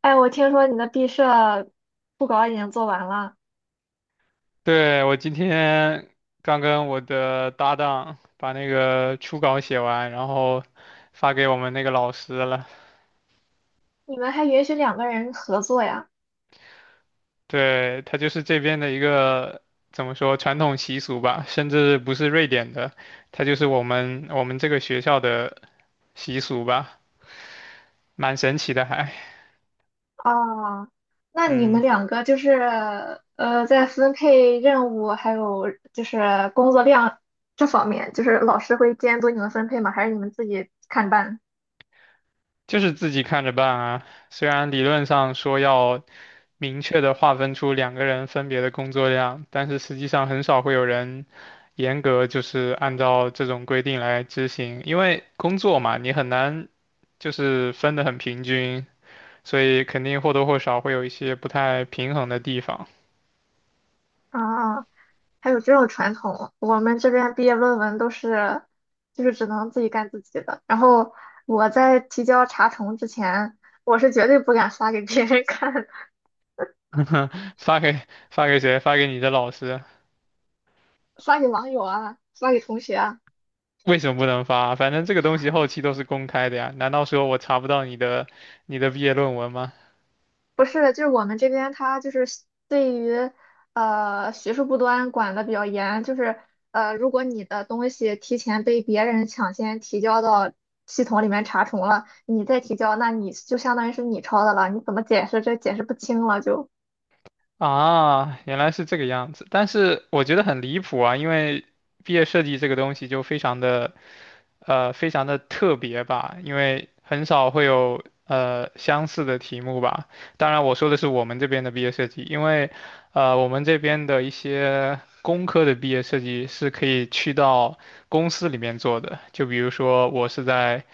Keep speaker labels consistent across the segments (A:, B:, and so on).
A: 哎，我听说你的毕设布稿已经做完了，
B: 对，我今天刚跟我的搭档把那个初稿写完，然后发给我们那个老师了。
A: 你们还允许两个人合作呀？
B: 对，他就是这边的一个怎么说传统习俗吧，甚至不是瑞典的，他就是我们这个学校的习俗吧，蛮神奇的还。
A: 啊，那你们
B: 嗯，
A: 两个就是在分配任务还有就是工作量这方面，就是老师会监督你们分配吗？还是你们自己看办？
B: 就是自己看着办啊。虽然理论上说要明确的划分出两个人分别的工作量，但是实际上很少会有人严格就是按照这种规定来执行，因为工作嘛，你很难就是分得很平均，所以肯定或多或少会有一些不太平衡的地方。
A: 啊，还有这种传统，我们这边毕业论文都是就是只能自己干自己的。然后我在提交查重之前，我是绝对不敢发给别人看，
B: 发给谁？发给你的老师。
A: 发给网友啊，发给同学啊。
B: 为什么不能发？反正这个东西后期都是公开的呀，难道说我查不到你的毕业论文吗？
A: 不是，就是我们这边他就是对于学术不端管的比较严，就是如果你的东西提前被别人抢先提交到系统里面查重了，你再提交，那你就相当于是你抄的了，你怎么解释这解释不清了就。
B: 啊，原来是这个样子，但是我觉得很离谱啊，因为毕业设计这个东西就非常的，非常的特别吧，因为很少会有相似的题目吧。当然，我说的是我们这边的毕业设计，因为，我们这边的一些工科的毕业设计是可以去到公司里面做的，就比如说我是在。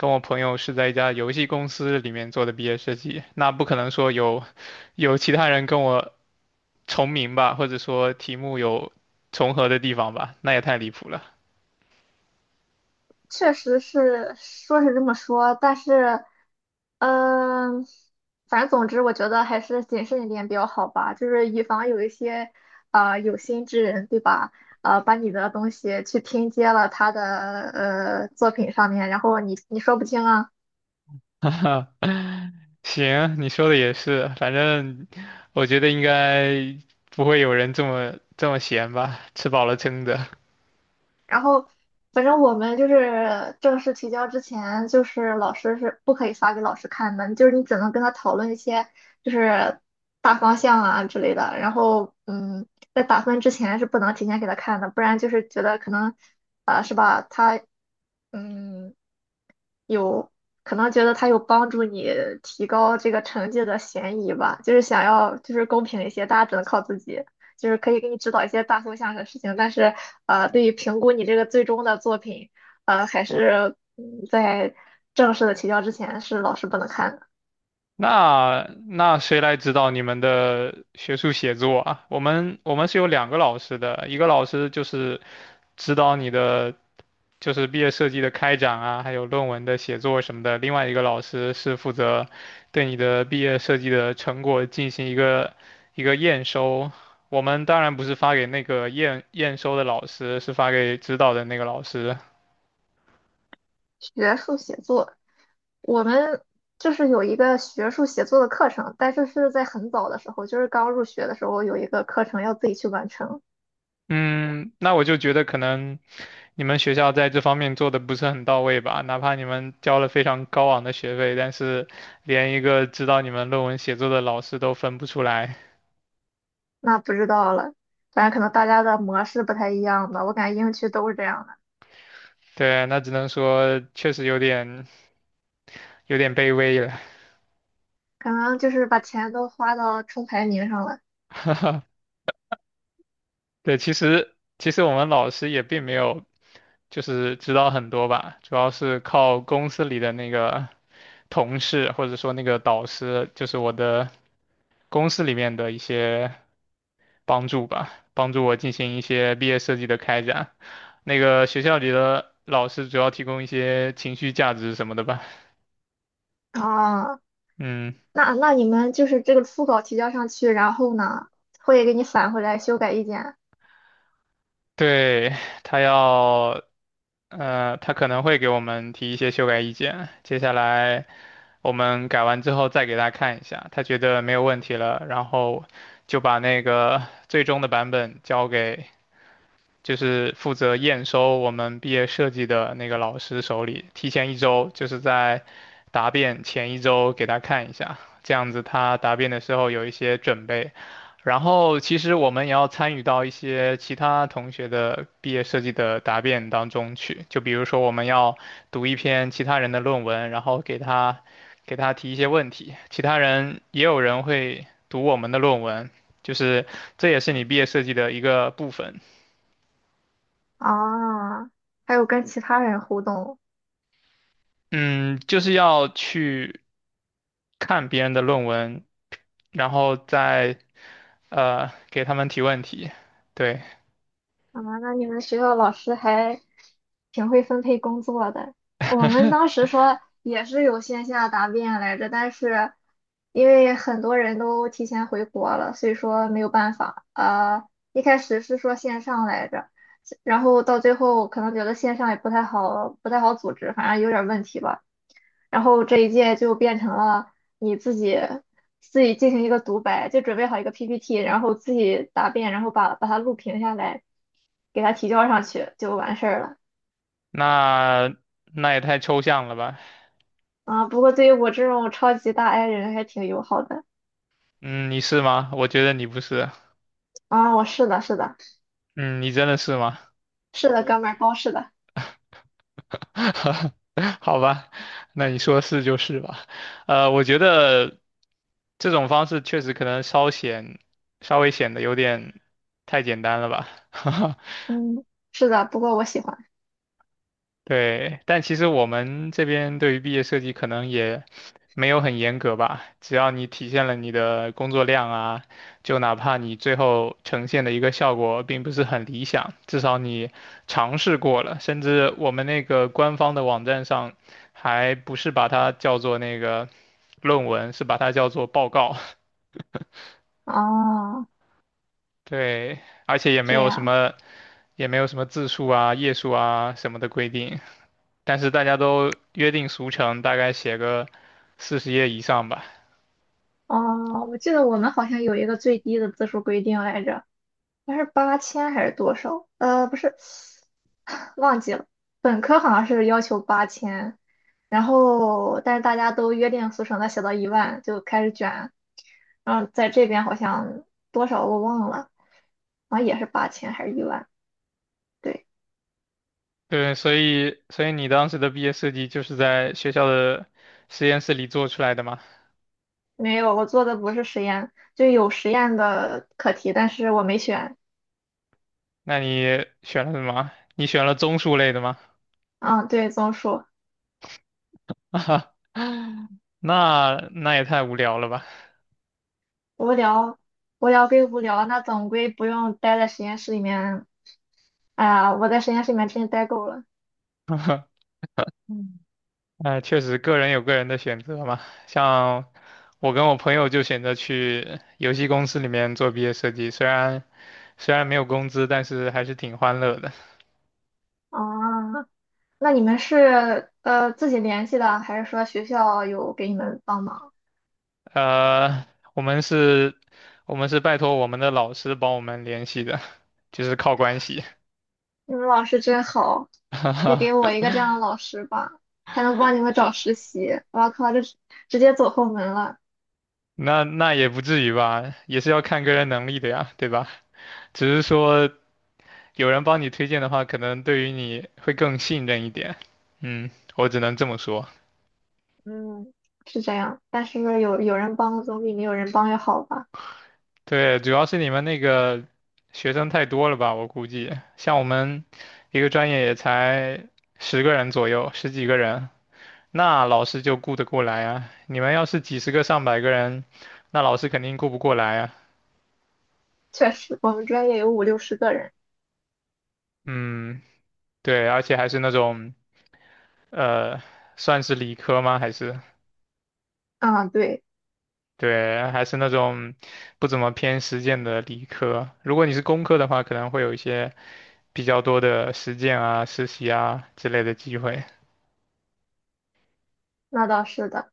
B: 跟我朋友是在一家游戏公司里面做的毕业设计，那不可能说有其他人跟我重名吧，或者说题目有重合的地方吧，那也太离谱了。
A: 确实是说是这么说，但是，嗯、反正总之，我觉得还是谨慎一点比较好吧，就是以防有一些啊，有心之人，对吧？啊，把你的东西去拼接了他的作品上面，然后你说不清啊。
B: 行，你说的也是，反正我觉得应该不会有人这么闲吧，吃饱了撑的。
A: 然后反正我们就是正式提交之前，就是老师是不可以发给老师看的，就是你只能跟他讨论一些就是大方向啊之类的。然后在打分之前是不能提前给他看的，不然就是觉得可能啊、是吧？他嗯有可能觉得它有帮助你提高这个成绩的嫌疑吧，就是想要就是公平一些，大家只能靠自己，就是可以给你指导一些大方向的事情，但是对于评估你这个最终的作品，还是在正式的提交之前是老师不能看的。
B: 那谁来指导你们的学术写作啊？我们是有两个老师的，一个老师就是指导你的就是毕业设计的开展啊，还有论文的写作什么的。另外一个老师是负责对你的毕业设计的成果进行一个验收。我们当然不是发给那个验收的老师，是发给指导的那个老师。
A: 学术写作，我们就是有一个学术写作的课程，但是是在很早的时候，就是刚入学的时候有一个课程要自己去完成。
B: 嗯，那我就觉得可能你们学校在这方面做的不是很到位吧，哪怕你们交了非常高昂的学费，但是连一个指导你们论文写作的老师都分不出来。
A: 那不知道了，反正可能大家的模式不太一样吧。我感觉英区都是这样的，
B: 对，那只能说确实有点卑微了。
A: 可能就是把钱都花到冲排名上了。
B: 对，其实我们老师也并没有就是知道很多吧，主要是靠公司里的那个同事或者说那个导师，就是我的公司里面的一些帮助吧，帮助我进行一些毕业设计的开展。那个学校里的老师主要提供一些情绪价值什么的吧，
A: 啊，
B: 嗯。
A: 那你们就是这个初稿提交上去，然后呢，会给你返回来修改意见。
B: 对，他要，他可能会给我们提一些修改意见，接下来我们改完之后再给他看一下，他觉得没有问题了，然后就把那个最终的版本交给。就是负责验收我们毕业设计的那个老师手里，提前一周，就是在答辩前一周给他看一下，这样子他答辩的时候有一些准备。然后其实我们也要参与到一些其他同学的毕业设计的答辩当中去，就比如说我们要读一篇其他人的论文，然后给他提一些问题，其他人也有人会读我们的论文，就是这也是你毕业设计的一个部分。
A: 啊，还有跟其他人互动。
B: 嗯，就是要去看别人的论文，然后再给他们提问题。对，
A: 啊，那你们学校老师还挺会分配工作的。我们当时说也是有线下答辩来着，但是因为很多人都提前回国了，所以说没有办法。一开始是说线上来着，然后到最后可能觉得线上也不太好，不太好组织，反正有点问题吧。然后这一届就变成了你自己进行一个独白，就准备好一个 PPT，然后自己答辩，然后把它录屏下来。给他提交上去就完事儿了
B: 那也太抽象了吧？
A: 啊。不过对于我这种超级大 I 人还挺友好的
B: 嗯，你是吗？我觉得你不是。
A: 啊。我是的，是的，
B: 嗯，你真的是吗？
A: 是的，哥们儿，包是的，
B: 好吧，那你说是就是吧。我觉得这种方式确实可能稍显稍微显得有点太简单了吧。
A: 嗯，是的。不过我喜欢
B: 对，但其实我们这边对于毕业设计可能也没有很严格吧，只要你体现了你的工作量啊，就哪怕你最后呈现的一个效果并不是很理想，至少你尝试过了。甚至我们那个官方的网站上，还不是把它叫做那个论文，是把它叫做报告。
A: 哦，
B: 对，而且也没
A: 这
B: 有什
A: 样
B: 么，也没有什么字数啊、页数啊什么的规定。但是大家都约定俗成，大概写个40页以上吧。
A: 哦。我记得我们好像有一个最低的字数规定来着，它是八千还是多少？不是，忘记了。本科好像是要求八千，然后但是大家都约定俗成的写到一万就开始卷，然后在这边好像多少我忘了，好像也是八千还是一万。对，
B: 对，所以你当时的毕业设计就是在学校的实验室里做出来的吗？
A: 没有，我做的不是实验，就有实验的课题，但是我没选。
B: 那你选了什么？你选了综述类的吗？
A: 嗯，对，综述
B: 啊，那也太无聊了吧。
A: 无聊，无聊归无聊，那总归不用待在实验室里面。哎呀，我在实验室里面真是待够了。
B: 嗯，哎，确实，个人有个人的选择嘛。像我跟我朋友就选择去游戏公司里面做毕业设计，虽然没有工资，但是还是挺欢乐的。
A: 啊，那你们是自己联系的，还是说学校有给你们帮忙？
B: 呃，我们是，我们是拜托我们的老师帮我们联系的，就是靠关系。
A: 你们老师真好，
B: 哈
A: 也
B: 哈，
A: 给我一个这样的老师吧，还能帮你们找实习。我靠，这是直接走后门了。
B: 那也不至于吧，也是要看个人能力的呀，对吧？只是说有人帮你推荐的话，可能对于你会更信任一点。嗯，我只能这么说。
A: 嗯，是这样，但是有人帮总比没有人帮要好吧？
B: 对，主要是你们那个学生太多了吧，我估计，像我们一个专业也才10个人左右，10几个人。那老师就顾得过来啊。你们要是几十个、上百个人，那老师肯定顾不过来啊。
A: 确实，我们专业有5、60个人。
B: 嗯，对，而且还是那种，呃，算是理科吗？还是
A: 啊，对，
B: 对，还是那种不怎么偏实践的理科。如果你是工科的话，可能会有一些比较多的实践啊、实习啊之类的机会。
A: 那倒是的。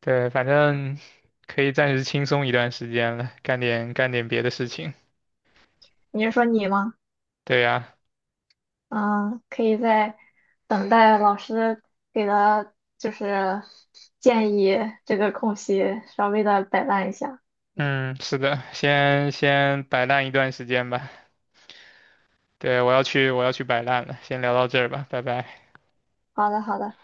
B: 对，反正可以暂时轻松一段时间了，干点别的事情。
A: 你是说你吗？
B: 对呀。
A: 嗯，可以在等待老师给的，就是建议这个空隙稍微的摆烂一下。
B: 嗯，是的，先摆烂一段时间吧。对，我要去，我要去摆烂了，先聊到这儿吧，拜拜。
A: 好的，好的。